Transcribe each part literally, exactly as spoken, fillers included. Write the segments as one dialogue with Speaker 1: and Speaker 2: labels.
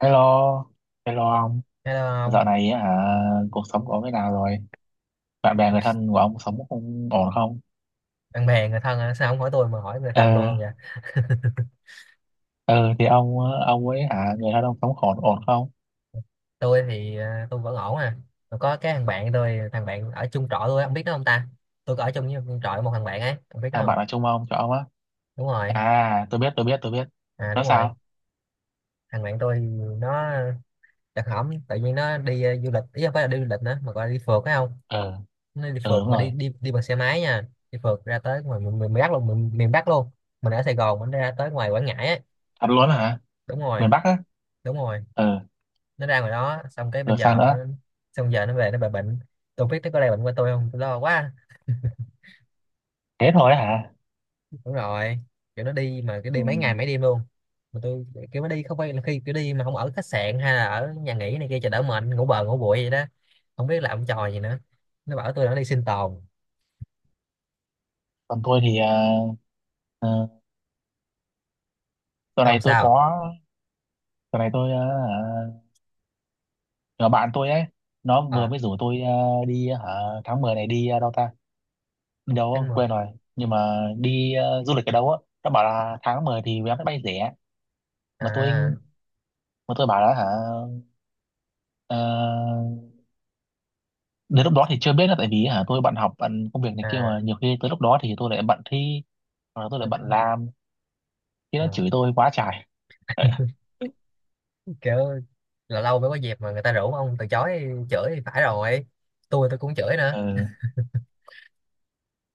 Speaker 1: Hello, hello ông.
Speaker 2: Hello
Speaker 1: Dạo
Speaker 2: ông.
Speaker 1: này á, hả, cuộc sống của ông thế nào rồi? Bạn bè
Speaker 2: Ủa,
Speaker 1: người thân của ông sống không ổn không?
Speaker 2: Bạn bè người thân hả? Sao không hỏi tôi mà hỏi người thân
Speaker 1: Ờ,
Speaker 2: tôi không vậy?
Speaker 1: ờ thì ông ông ấy, hả, người thân ông sống ổn ổn không?
Speaker 2: Tôi thì à, tôi vẫn ổn à. Mà có cái thằng bạn tôi, thằng bạn ở chung trọ tôi á, ông biết đó không ta? Tôi có ở chung với một trọ với một thằng bạn ấy, ông biết đó
Speaker 1: Thằng
Speaker 2: không?
Speaker 1: bạn ở chung ông cho ông á.
Speaker 2: Đúng rồi.
Speaker 1: À, tôi biết, tôi biết, tôi biết.
Speaker 2: À
Speaker 1: Nó
Speaker 2: đúng rồi.
Speaker 1: sao?
Speaker 2: Thằng bạn tôi nó đặc hỏng, tự nhiên nó đi à, du lịch, ý không phải là đi du lịch nữa mà gọi là đi phượt phải không?
Speaker 1: Ờ,
Speaker 2: Nó đi
Speaker 1: ờ đúng
Speaker 2: phượt mà đi
Speaker 1: rồi.
Speaker 2: đi đi bằng xe máy nha. Đi phượt ra tới ngoài miền, miền Bắc luôn, miền, miền Bắc luôn. Mình ở Sài Gòn mình ra tới ngoài Quảng Ngãi ấy.
Speaker 1: Thật luôn hả?
Speaker 2: Đúng rồi.
Speaker 1: Miền Bắc á?
Speaker 2: Đúng rồi.
Speaker 1: Ờ,
Speaker 2: Nó ra ngoài đó xong cái bây
Speaker 1: rồi sao
Speaker 2: giờ nó,
Speaker 1: nữa?
Speaker 2: xong giờ nó về nó bị bệnh. Tôi biết nó có lây bệnh qua tôi không, tôi lo quá.
Speaker 1: Thế thôi hả?
Speaker 2: Đúng rồi. Kiểu nó đi mà cái
Speaker 1: Ừ.
Speaker 2: đi mấy ngày mấy đêm luôn. Mà tôi, kiểu nó đi không phải là khi kiểu đi mà không ở khách sạn hay là ở nhà nghỉ này kia cho đỡ mệt, ngủ bờ ngủ bụi vậy đó, không biết làm trò gì nữa. Nó bảo tôi là nó đi sinh tồn.
Speaker 1: Còn tôi thì ờ, ờ, tuần
Speaker 2: Không
Speaker 1: này tôi
Speaker 2: sao.
Speaker 1: có, tuần này tôi ờ, hả, nhỏ bạn tôi ấy, nó vừa
Speaker 2: À
Speaker 1: mới rủ tôi ờ, đi à, hả, tháng mười này đi ờ, đâu ta?
Speaker 2: tháng
Speaker 1: Đâu
Speaker 2: mười.
Speaker 1: quên rồi, nhưng mà đi ờ, du lịch ở đâu á, nó bảo là tháng mười thì vé máy bay rẻ. mà tôi
Speaker 2: À.
Speaker 1: mà tôi bảo là hả ờ, đến lúc đó thì chưa biết, là tại vì hả tôi bận học bận công việc này kia, mà
Speaker 2: À
Speaker 1: nhiều khi tới lúc đó thì tôi lại bận thi, hoặc là tôi lại
Speaker 2: bệnh.
Speaker 1: bận làm. Khi nó chửi
Speaker 2: À.
Speaker 1: tôi quá trời.
Speaker 2: Kiểu là lâu mới có dịp mà người ta rủ ông từ chối, chửi thì phải rồi. Tôi tôi cũng chửi nữa.
Speaker 1: Ừ,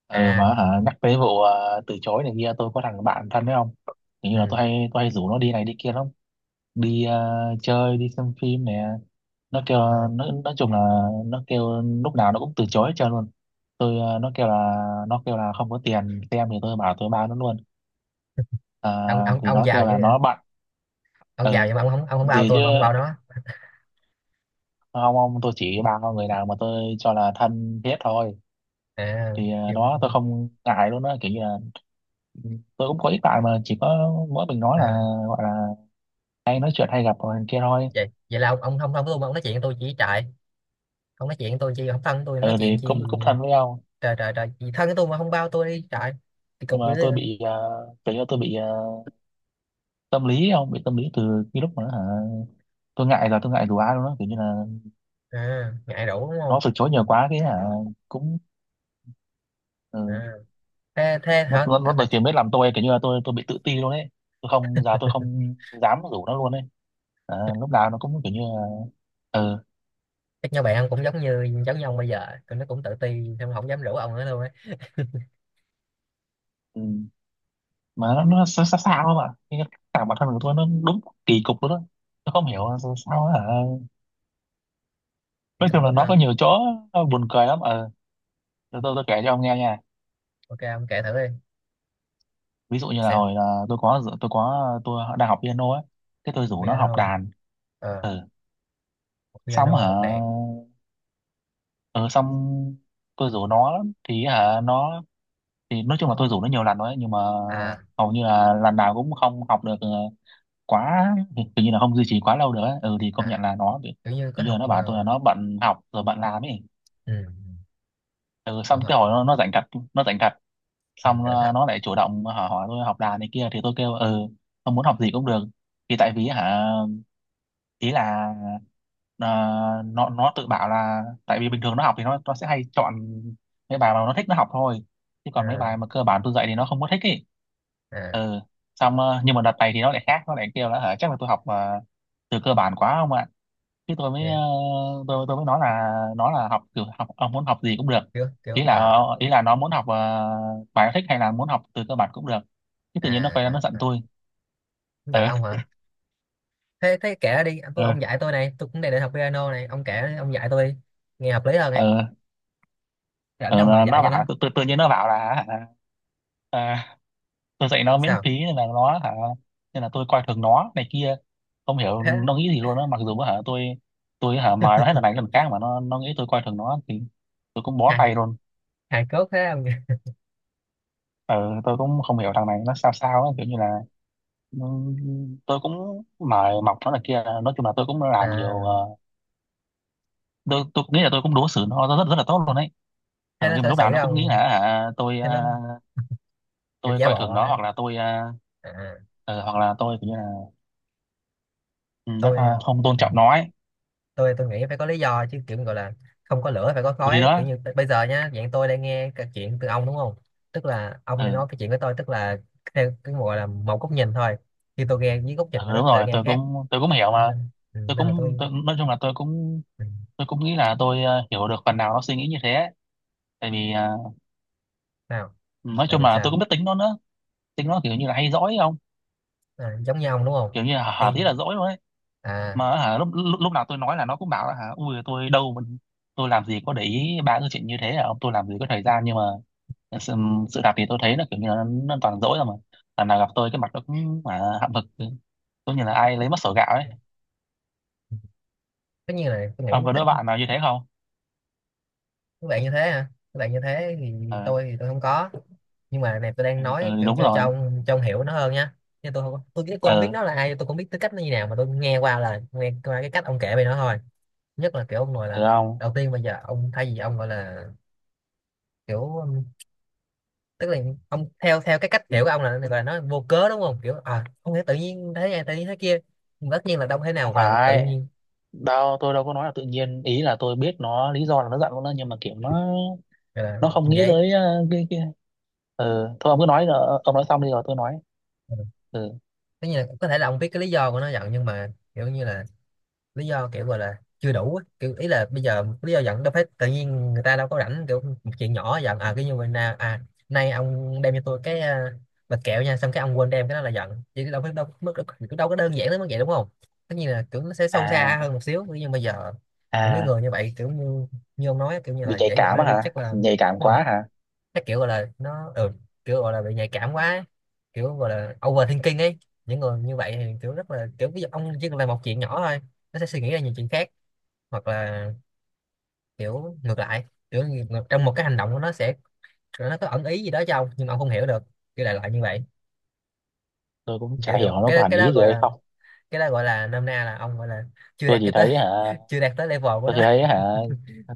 Speaker 1: ừ
Speaker 2: À.
Speaker 1: mà hả nhắc tới vụ ờ, từ chối này kia, tôi có thằng bạn thân đấy không. Kiểu như là tôi
Speaker 2: Ừ.
Speaker 1: hay tôi hay rủ nó đi này đi kia lắm. Đi ờ, chơi, đi xem phim nè. Nó kêu,
Speaker 2: Ờ,
Speaker 1: nó nói chung là nó kêu lúc nào nó cũng từ chối hết trơn luôn. tôi ờ, nó kêu là nó kêu là không có tiền xem, thì tôi bảo tôi bao nó luôn. À,
Speaker 2: ông ông
Speaker 1: thì
Speaker 2: ông
Speaker 1: nó
Speaker 2: giàu
Speaker 1: kêu
Speaker 2: dữ
Speaker 1: là
Speaker 2: vậy.
Speaker 1: nó bận.
Speaker 2: Ông giàu
Speaker 1: Ừ,
Speaker 2: nhưng mà ông không ông không bao
Speaker 1: gì
Speaker 2: tôi
Speaker 1: chứ,
Speaker 2: mà ông bao nó.
Speaker 1: không ông, tôi chỉ bao con người nào mà tôi cho là thân thiết thôi.
Speaker 2: À,
Speaker 1: Thì ờ,
Speaker 2: gì mà-
Speaker 1: đó tôi không ngại luôn á, kiểu như là, ừ, tôi cũng có ít bạn mà chỉ có mỗi mình nói là,
Speaker 2: à
Speaker 1: gọi là hay nói chuyện hay gặp rồi kia thôi.
Speaker 2: vậy vậy là ông ông không thân với tôi mà ông nói chuyện với tôi chỉ trại. Ông nói chuyện với tôi chi không thân với tôi nói
Speaker 1: Ừ
Speaker 2: chuyện
Speaker 1: thì cũng
Speaker 2: chi?
Speaker 1: cũng thân với nhau.
Speaker 2: Trời trời trời gì thân với tôi mà không bao tôi đi trại. Thì
Speaker 1: Nhưng
Speaker 2: cục dữ
Speaker 1: mà tôi
Speaker 2: vậy.
Speaker 1: bị uh, kiểu như tôi bị ờ, tâm lý, ông bị tâm lý từ cái lúc mà nó, hả tôi ngại là tôi ngại đùa ai luôn đó, kiểu như là
Speaker 2: À ngại đủ đúng
Speaker 1: nó
Speaker 2: không?
Speaker 1: từ chối nhiều quá cái hả cũng, ừ,
Speaker 2: À, thế thế
Speaker 1: nó
Speaker 2: hả,
Speaker 1: nó
Speaker 2: à,
Speaker 1: nó
Speaker 2: tại-
Speaker 1: từ mới làm tôi kiểu như là tôi tôi bị tự ti luôn ấy. Tôi không giờ tôi không dám rủ nó luôn ấy. À, lúc nào nó cũng kiểu như là, ừ,
Speaker 2: chắc nhau bạn cũng giống như giống như ông bây giờ, tụi nó cũng tự ti xong không dám rủ ông nữa luôn ấy.
Speaker 1: ừ. Mà nó nó xa xa, xa không ạ. Cái, cả bản thân của tôi nó đúng kỳ cục luôn đó. Tôi không hiểu là sao, sao á, hả
Speaker 2: Thì
Speaker 1: nói
Speaker 2: cục
Speaker 1: chung là
Speaker 2: lắm
Speaker 1: nó có
Speaker 2: mà.
Speaker 1: nhiều chỗ buồn cười lắm. ờ ừ. tôi tôi tôi kể cho ông nghe nha.
Speaker 2: Ok ông kể thử đi
Speaker 1: Ví dụ như là
Speaker 2: xem.
Speaker 1: hồi là tôi có tôi có tôi đang học piano ấy. Thế tôi rủ nó học
Speaker 2: Piano.
Speaker 1: đàn.
Speaker 2: Ờ.
Speaker 1: Ừ.
Speaker 2: Học
Speaker 1: Xong
Speaker 2: piano,
Speaker 1: hả,
Speaker 2: học đàn.
Speaker 1: ừ, xong tôi rủ nó lắm thì hả nó, thì nói chung là tôi rủ nó nhiều lần rồi ấy, nhưng mà
Speaker 2: À.
Speaker 1: hầu như là lần nào cũng không học được ờ, quá, hình như là không duy trì quá lâu được ấy. Ừ thì công
Speaker 2: À
Speaker 1: nhận là nó bị,
Speaker 2: kiểu như có
Speaker 1: hình như là
Speaker 2: học
Speaker 1: nó
Speaker 2: mà.
Speaker 1: bảo tôi là nó bận học rồi bận làm ấy.
Speaker 2: Ừ, ừ,
Speaker 1: Ừ,
Speaker 2: được
Speaker 1: xong
Speaker 2: học.
Speaker 1: cái hồi nó, nó rảnh thật, nó rảnh thật.
Speaker 2: Ừ,
Speaker 1: Xong
Speaker 2: cẩn
Speaker 1: ờ,
Speaker 2: thận.
Speaker 1: nó lại chủ động hỏi, hỏi tôi học đàn này kia, thì tôi kêu ừ không muốn học gì cũng được. Thì tại vì hả ý là ờ, nó nó tự bảo là tại vì bình thường nó học thì nó nó sẽ hay chọn mấy bài mà nó thích nó học thôi, chứ còn mấy
Speaker 2: À.
Speaker 1: bài mà cơ bản tôi dạy thì nó không có thích ý.
Speaker 2: À
Speaker 1: Ừ, xong ờ, nhưng mà đợt này thì nó lại khác, nó lại kêu là hả chắc là tôi học ờ, từ cơ bản quá không ạ. Chứ tôi mới ờ,
Speaker 2: nha.
Speaker 1: tôi tôi mới nói là, nó là học kiểu học ông muốn học gì cũng được.
Speaker 2: Kiểu kiểu
Speaker 1: ý là
Speaker 2: à.
Speaker 1: ờ, ý là nó muốn học ờ, bài nó thích hay là muốn học từ cơ bản cũng được, chứ
Speaker 2: À.
Speaker 1: tự nhiên nó quay ra nó
Speaker 2: À,
Speaker 1: giận
Speaker 2: à.
Speaker 1: tôi.
Speaker 2: Giận
Speaker 1: ờ
Speaker 2: ông hả? Thế thế kể ra đi anh, tôi
Speaker 1: ờ
Speaker 2: ông dạy tôi này, tôi cũng đang định học piano này, ông kể đi, ông dạy tôi đi. Nghe hợp lý hơn ấy.
Speaker 1: ờ
Speaker 2: Rảnh
Speaker 1: ờ,
Speaker 2: đâu mà
Speaker 1: nó
Speaker 2: dạy
Speaker 1: nó
Speaker 2: cho nó.
Speaker 1: bảo tự, tự, tự nhiên nó bảo là, à, tôi dạy nó miễn
Speaker 2: Sao.
Speaker 1: phí nên là nó, hả nên là tôi coi thường nó này kia. Không hiểu
Speaker 2: Thế.
Speaker 1: nó nghĩ gì luôn á, mặc dù hả tôi tôi hả mời nó hết lần này đến lần khác mà nó nó nghĩ tôi coi thường nó, thì tôi cũng bó
Speaker 2: Hài.
Speaker 1: tay luôn.
Speaker 2: Hài cốt thế ông nhỉ?
Speaker 1: Ừ, tôi cũng không hiểu thằng này nó sao sao á, kiểu như là, ừ, tôi cũng mời mọc nó này kia, nói chung là tôi cũng làm nhiều, ờ,
Speaker 2: À
Speaker 1: tôi, tôi nghĩ là tôi cũng đối xử nó rất rất là tốt luôn đấy.
Speaker 2: thế
Speaker 1: Ừ,
Speaker 2: nó
Speaker 1: nhưng mà
Speaker 2: xử
Speaker 1: lúc nào
Speaker 2: xử
Speaker 1: nó cũng nghĩ là
Speaker 2: ông,
Speaker 1: hả tôi,
Speaker 2: thế
Speaker 1: ờ,
Speaker 2: nó kiểu
Speaker 1: tôi
Speaker 2: giả
Speaker 1: coi
Speaker 2: bộ
Speaker 1: thường nó,
Speaker 2: á.
Speaker 1: hoặc là tôi ờ,
Speaker 2: À.
Speaker 1: ừ, hoặc là tôi kiểu như là, ừ,
Speaker 2: Tôi.
Speaker 1: nó không tôn
Speaker 2: Ừ.
Speaker 1: trọng nó ấy.
Speaker 2: tôi tôi nghĩ phải có lý do chứ, kiểu gọi là không có lửa phải có
Speaker 1: Ừ, thì
Speaker 2: khói.
Speaker 1: đó,
Speaker 2: Kiểu như bây giờ nhá, dạng tôi đang nghe cái chuyện từ ông đúng không, tức là ông đang nói
Speaker 1: ừ.
Speaker 2: cái chuyện với tôi, tức là theo cái gọi là một góc nhìn thôi. Khi tôi nghe với góc nhìn của
Speaker 1: Ừ,
Speaker 2: nó
Speaker 1: đúng
Speaker 2: sẽ
Speaker 1: rồi,
Speaker 2: nghe
Speaker 1: tôi
Speaker 2: khác.
Speaker 1: cũng tôi cũng hiểu mà.
Speaker 2: Nên ừ,
Speaker 1: Tôi
Speaker 2: nên là
Speaker 1: cũng tôi,
Speaker 2: tôi.
Speaker 1: nói chung là tôi cũng,
Speaker 2: ừ,
Speaker 1: tôi cũng nghĩ là tôi ờ, hiểu được phần nào nó suy nghĩ như thế. Tại vì ờ,
Speaker 2: Sao.
Speaker 1: nói
Speaker 2: Tại
Speaker 1: chung
Speaker 2: vì
Speaker 1: là
Speaker 2: sao?
Speaker 1: tôi cũng biết tính nó nữa. Tính nó kiểu như là hay dỗi không,
Speaker 2: À, giống như ông đúng không?
Speaker 1: kiểu như là hả hả
Speaker 2: Thì.
Speaker 1: tí là dỗi luôn ấy.
Speaker 2: À
Speaker 1: Mà hả lúc, lúc lúc nào tôi nói là nó cũng bảo là hả ui tôi đâu mà- tôi làm gì có để ý ba cái chuyện như thế à ông, tôi làm gì có thời gian nhưng mà sự, sự thật thì tôi thấy là kiểu như là nó, nó toàn dỗi rồi mà lần nào gặp tôi cái mặt nó cũng mà hậm hực, giống như là ai lấy mất sổ gạo ấy.
Speaker 2: tất nhiên là tôi nghĩ
Speaker 1: Ông có
Speaker 2: tất
Speaker 1: đứa bạn nào như thế không?
Speaker 2: các bạn như thế hả? Các bạn như thế thì
Speaker 1: Ờ.
Speaker 2: tôi thì tôi không có. Nhưng mà này tôi đang
Speaker 1: Ừ,
Speaker 2: nói
Speaker 1: ừ,
Speaker 2: kiểu
Speaker 1: đúng
Speaker 2: cho cho
Speaker 1: rồi.
Speaker 2: ông cho ông hiểu nó hơn nha. Chứ tôi không, tôi tôi không biết
Speaker 1: Ờ.
Speaker 2: nó là ai, tôi không biết tư cách nó như nào, mà tôi nghe qua là nghe qua cái cách ông kể về nó thôi. Nhất là kiểu ông nói
Speaker 1: Được
Speaker 2: là
Speaker 1: không?
Speaker 2: đầu tiên bây giờ ông thay vì ông gọi là kiểu um, tức là ông theo theo cái cách hiểu của ông là gọi là nó vô cớ đúng không, kiểu à không thể tự nhiên thế này tự nhiên thế kia. Nhưng mà tất nhiên là đâu thể
Speaker 1: Không
Speaker 2: nào gọi là tự
Speaker 1: phải.
Speaker 2: nhiên,
Speaker 1: Đâu, tôi đâu có nói là tự nhiên. Ý là tôi biết nó lý do là nó giận con đó, nhưng mà kiểu nó
Speaker 2: gọi là
Speaker 1: nó không nghĩ
Speaker 2: dễ.
Speaker 1: tới ờ, cái kia. Ừ, thôi ông cứ nói rồi, ông nói xong đi rồi tôi nói.
Speaker 2: Ừ.
Speaker 1: Ừ.
Speaker 2: Tất nhiên là có thể là ông biết cái lý do của nó giận nhưng mà kiểu như là lý do kiểu gọi là chưa đủ á. Kiểu ý là bây giờ lý do giận đâu phải tự nhiên, người ta đâu có rảnh kiểu một chuyện nhỏ giận à cái như vậy nè, à nay ông đem cho tôi cái à, bịch kẹo nha xong cái ông quên đem cái đó là giận chứ đâu phải đâu mức đâu, đâu có đơn giản đến mức vậy đúng không? Tất nhiên là kiểu nó sẽ sâu
Speaker 1: À,
Speaker 2: xa hơn một xíu nhưng bây giờ những cái
Speaker 1: à,
Speaker 2: người như vậy kiểu như như ông nói kiểu như
Speaker 1: bị
Speaker 2: là
Speaker 1: nhạy
Speaker 2: dễ dỗi
Speaker 1: cảm
Speaker 2: này
Speaker 1: á
Speaker 2: cái
Speaker 1: hả?
Speaker 2: chắc là
Speaker 1: Nhạy cảm
Speaker 2: đúng rồi.
Speaker 1: quá hả?
Speaker 2: Nó kiểu gọi là nó ừ, kiểu gọi là bị nhạy cảm quá ấy, kiểu gọi là overthinking ấy. Những người như vậy thì kiểu rất là kiểu ví dụ ông chỉ cần làm một chuyện nhỏ thôi nó sẽ suy nghĩ ra nhiều chuyện khác, hoặc là kiểu ngược lại, kiểu ngược- trong một cái hành động của nó sẽ nó có ẩn ý gì đó cho ông nhưng mà ông không hiểu được, kiểu đại loại như vậy.
Speaker 1: Tôi cũng
Speaker 2: Kiểu
Speaker 1: chả
Speaker 2: như-
Speaker 1: hiểu nó có
Speaker 2: cái
Speaker 1: hẳn
Speaker 2: cái đó
Speaker 1: ý gì
Speaker 2: gọi
Speaker 1: hay
Speaker 2: là
Speaker 1: không.
Speaker 2: cái đó gọi là nôm na là ông gọi là chưa
Speaker 1: Tôi
Speaker 2: đạt
Speaker 1: chỉ
Speaker 2: cái tới
Speaker 1: thấy hả,
Speaker 2: chưa đạt tới level của
Speaker 1: tôi chỉ
Speaker 2: nó.
Speaker 1: thấy hả,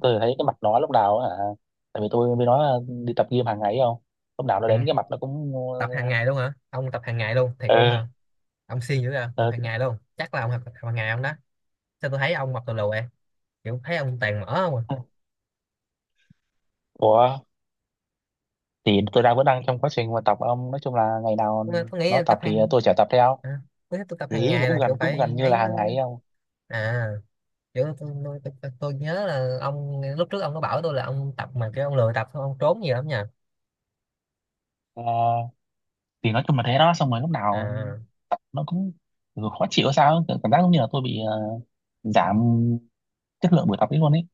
Speaker 1: tôi chỉ thấy cái mặt nó lúc nào á, hả, tại vì tôi với nó đi tập gym hàng ngày ấy không? Lúc nào nó đến
Speaker 2: Hàng,
Speaker 1: cái mặt nó cũng,
Speaker 2: tập hàng ngày luôn hả ông, tập hàng ngày luôn thiệt luôn
Speaker 1: ừ,
Speaker 2: hả? Ông siêng dữ à, tập
Speaker 1: ừ.
Speaker 2: hàng ngày luôn chắc là ông học tập hàng ngày ông đó. Sao tôi thấy ông mập tù lù vậy, kiểu thấy ông toàn mở không à.
Speaker 1: Ủa, thì tôi đang, vẫn đang trong quá trình mà tập ông, nói chung là ngày nào
Speaker 2: Tôi, tôi nghĩ
Speaker 1: nó
Speaker 2: là tập
Speaker 1: tập thì
Speaker 2: hàng.
Speaker 1: tôi sẽ tập theo,
Speaker 2: À, tôi, tôi tập
Speaker 1: thì
Speaker 2: hàng
Speaker 1: ý là
Speaker 2: ngày
Speaker 1: cũng
Speaker 2: là
Speaker 1: gần
Speaker 2: kiểu
Speaker 1: cũng gần
Speaker 2: phải
Speaker 1: như là
Speaker 2: ấy lắm
Speaker 1: hàng ngày
Speaker 2: chứ.
Speaker 1: ấy ông.
Speaker 2: À kiểu tôi, tôi, tôi, tôi nhớ là ông lúc trước ông có bảo tôi là ông tập mà kiểu ông lười tập xong ông trốn nhiều lắm nha.
Speaker 1: Ờ, thì nói chung là thế đó, xong rồi lúc nào
Speaker 2: À,
Speaker 1: nó cũng kiểu khó chịu sao ấy, kiểu cảm giác giống như là tôi bị ờ, giảm chất lượng buổi tập ấy luôn ấy.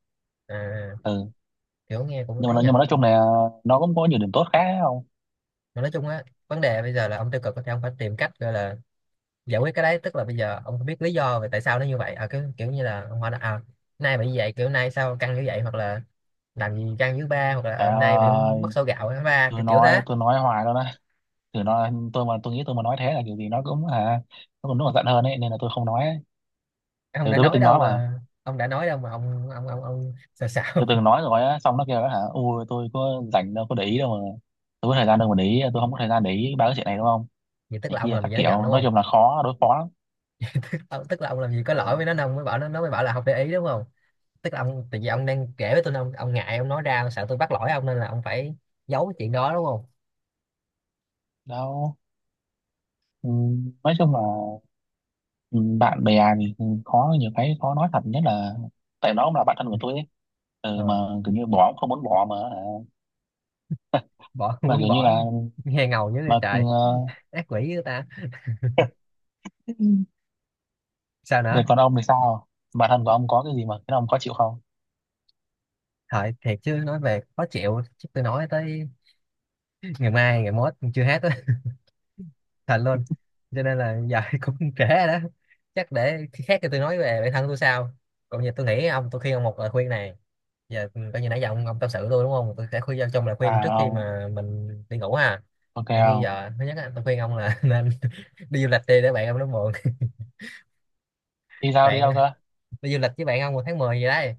Speaker 2: à
Speaker 1: Ừ,
Speaker 2: kiểu nghe cũng
Speaker 1: nhưng mà
Speaker 2: ấy
Speaker 1: nó- nhưng
Speaker 2: nha.
Speaker 1: mà nói chung là nó cũng có nhiều điểm tốt khác ấy không.
Speaker 2: Mà nói chung á vấn đề bây giờ là ông tiêu cực thì ông phải tìm cách gọi là giải quyết cái đấy, tức là bây giờ ông không biết lý do về tại sao nó như vậy, à kiểu, kiểu như là ông hỏi là à nay bị như vậy kiểu nay sao căng như vậy, hoặc là làm gì căng dưới ba, hoặc là ờ, nay bị
Speaker 1: Trời,
Speaker 2: mất sổ gạo ở ba kiểu
Speaker 1: tôi
Speaker 2: kiểu thế.
Speaker 1: nói tôi nói hoài luôn á. Từ nó tôi, mà tôi nghĩ tôi mà nói thế là kiểu gì nó cũng, à, nó còn nó còn giận hơn ấy, nên là tôi không nói ấy.
Speaker 2: Ông
Speaker 1: Ừ,
Speaker 2: đã
Speaker 1: tôi biết
Speaker 2: nói
Speaker 1: tính
Speaker 2: đâu
Speaker 1: nói mà.
Speaker 2: mà ông đã nói đâu mà ông ông ông ông sao
Speaker 1: Tôi
Speaker 2: sao
Speaker 1: từng nói rồi á, xong nó kêu đó, hả ui tôi có rảnh đâu có để ý đâu mà, tôi có thời gian đâu mà để ý, tôi không có thời gian để ý ba cái chuyện này đúng không,
Speaker 2: vậy tức
Speaker 1: này
Speaker 2: là ông
Speaker 1: kia
Speaker 2: làm gì
Speaker 1: các
Speaker 2: cho nó giận
Speaker 1: kiểu,
Speaker 2: đúng
Speaker 1: nói
Speaker 2: không?
Speaker 1: chung là khó đối phó lắm.
Speaker 2: tức, Tức là ông làm gì có lỗi
Speaker 1: Ừ,
Speaker 2: với nó nên ông mới bảo nó nó mới bảo là không để ý đúng không? Tức là ông tại vì ông đang kể với tôi nên ông, ông ngại ông nói ra, ông sợ tôi bắt lỗi ông nên là ông phải giấu cái chuyện đó đúng không?
Speaker 1: đâu, ừ, nói chung là, ừ, bạn bè thì khó, nhiều cái khó nói thật, nhất là tại nó cũng là bạn thân của tôi ấy. Ừ, mà
Speaker 2: Ờ,
Speaker 1: kiểu như bỏ cũng không muốn bỏ mà hả?
Speaker 2: bỏ
Speaker 1: Mà
Speaker 2: muốn
Speaker 1: kiểu như
Speaker 2: bỏ.
Speaker 1: là
Speaker 2: Nghe ngầu dữ vậy
Speaker 1: mà, ừ,
Speaker 2: trời.
Speaker 1: ờ,
Speaker 2: Ác quỷ với ta. Sao
Speaker 1: về
Speaker 2: nữa.
Speaker 1: còn ông thì sao? Bạn thân của ông có cái gì mà cái ông có chịu không?
Speaker 2: Thôi thiệt chứ nói về khó chịu chứ tôi nói tới ngày mai ngày mốt chưa hết, thật luôn. Cho nên là giờ cũng trễ rồi đó. Chắc để khi khác thì tôi nói về bản thân tôi sau. Còn giờ tôi nghĩ ông, tôi khuyên ông một lời khuyên này. Giờ coi như nãy giờ ông, ông tâm sự tôi đúng không, tôi sẽ khuyên cho ông trong lời
Speaker 1: À
Speaker 2: khuyên trước khi
Speaker 1: không,
Speaker 2: mà mình đi ngủ ha.
Speaker 1: ok
Speaker 2: Kiểu như
Speaker 1: không.
Speaker 2: giờ thứ nhất á, tôi khuyên ông là nên đi du lịch đi để bạn ông nó buồn.
Speaker 1: Đi sao, đi
Speaker 2: Bạn
Speaker 1: đâu cơ?
Speaker 2: đi du lịch với bạn ông vào tháng mười gì đấy.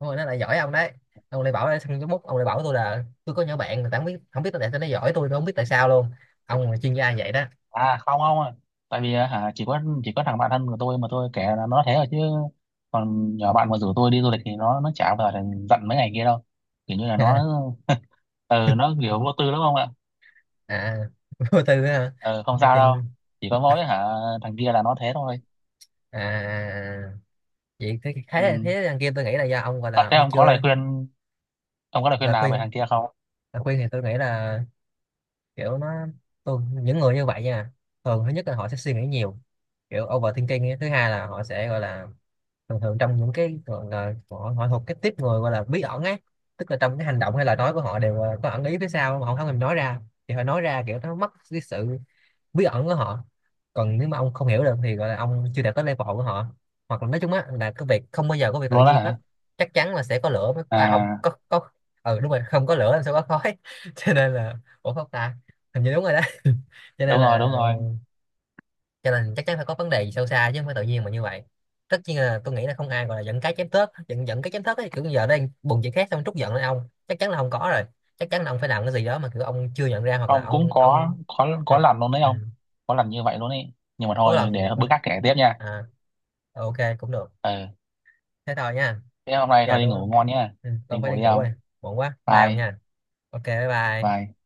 Speaker 2: Đúng rồi nó lại giỏi ông đấy. Ông lại bảo xong cái bút ông lại bảo tôi là tôi có nhỏ bạn, người ta không biết, không biết tại sao nó giỏi, tôi tôi không biết tại sao luôn. Ông là chuyên gia vậy đó.
Speaker 1: À không không à. Tại vì á, hả chỉ có chỉ có thằng bạn thân của tôi mà tôi kể là nó thế rồi chứ, còn nhỏ bạn mà rủ tôi đi du lịch thì nó nó chả bao giờ giận mấy ngày kia đâu. Kiểu như là nó, ờ nó kiểu vô tư lắm không ạ.
Speaker 2: À. Vô tư á hả?
Speaker 1: Ờ, không
Speaker 2: Cái
Speaker 1: sao đâu.
Speaker 2: chuyện.
Speaker 1: Chỉ có mỗi hả thằng kia là nó thế thôi.
Speaker 2: À vậy thế
Speaker 1: Ừ,
Speaker 2: thế thế đằng kia tôi nghĩ là do ông gọi
Speaker 1: à,
Speaker 2: là
Speaker 1: thế
Speaker 2: ông
Speaker 1: ông có
Speaker 2: chưa.
Speaker 1: lời khuyên ông có lời khuyên
Speaker 2: Là
Speaker 1: nào về
Speaker 2: khuyên,
Speaker 1: thằng kia không?
Speaker 2: là khuyên thì tôi nghĩ là kiểu nó, tôi những người như vậy nha thường thứ nhất là họ sẽ suy nghĩ nhiều, kiểu overthinking ấy. Thứ hai là họ sẽ gọi là thường thường trong những cái gọi là họ, họ thuộc cái tiếp người gọi là bí ẩn ấy, tức là trong cái hành động hay lời nói của họ đều ờ, có ẩn ý phía sau mà họ không thèm nói ra, thì họ nói ra kiểu nó mất cái sự bí ẩn của họ. Còn nếu mà ông không hiểu được thì gọi là ông chưa đạt tới level của họ. Hoặc là nói chung á là cái việc không bao giờ có việc tự
Speaker 1: Luôn á
Speaker 2: nhiên hết.
Speaker 1: hả.
Speaker 2: Chắc chắn là sẽ có lửa mới à không
Speaker 1: À,
Speaker 2: có có. Ừ đúng rồi, không có lửa làm sao có khói? Cho nên là, ủa không ta, hình như đúng rồi đó. Cho
Speaker 1: đúng
Speaker 2: nên
Speaker 1: rồi, đúng
Speaker 2: là,
Speaker 1: rồi.
Speaker 2: cho nên chắc chắn phải có vấn đề gì sâu xa chứ không phải tự nhiên mà như vậy. Tất nhiên là tôi nghĩ là không ai gọi là giận cái chém tớt, giận giận cái chém tớt ấy, kiểu giờ đang buồn chuyện khác xong trút giận lên ông chắc chắn là không có rồi. Chắc chắn là ông phải làm cái gì đó mà kiểu ông chưa nhận ra, hoặc là
Speaker 1: Không, cũng
Speaker 2: ông
Speaker 1: có
Speaker 2: ông
Speaker 1: có có
Speaker 2: hoặc.
Speaker 1: lần luôn đấy
Speaker 2: Ừ.
Speaker 1: không, có lần như vậy luôn ấy, nhưng mà
Speaker 2: Có
Speaker 1: thôi để
Speaker 2: lần.
Speaker 1: bữa khác kể tiếp nha.
Speaker 2: À ok cũng được.
Speaker 1: Ừ,
Speaker 2: Thế thôi nha.
Speaker 1: thế hôm nay thôi
Speaker 2: Giờ
Speaker 1: đi
Speaker 2: tôi,
Speaker 1: ngủ ngon nhá.
Speaker 2: ừ,
Speaker 1: Đi
Speaker 2: tôi phải
Speaker 1: ngủ
Speaker 2: đi
Speaker 1: đi
Speaker 2: ngủ
Speaker 1: ông.
Speaker 2: rồi, muộn quá, bye ông
Speaker 1: Vai.
Speaker 2: nha. Ok bye bye.
Speaker 1: Vai.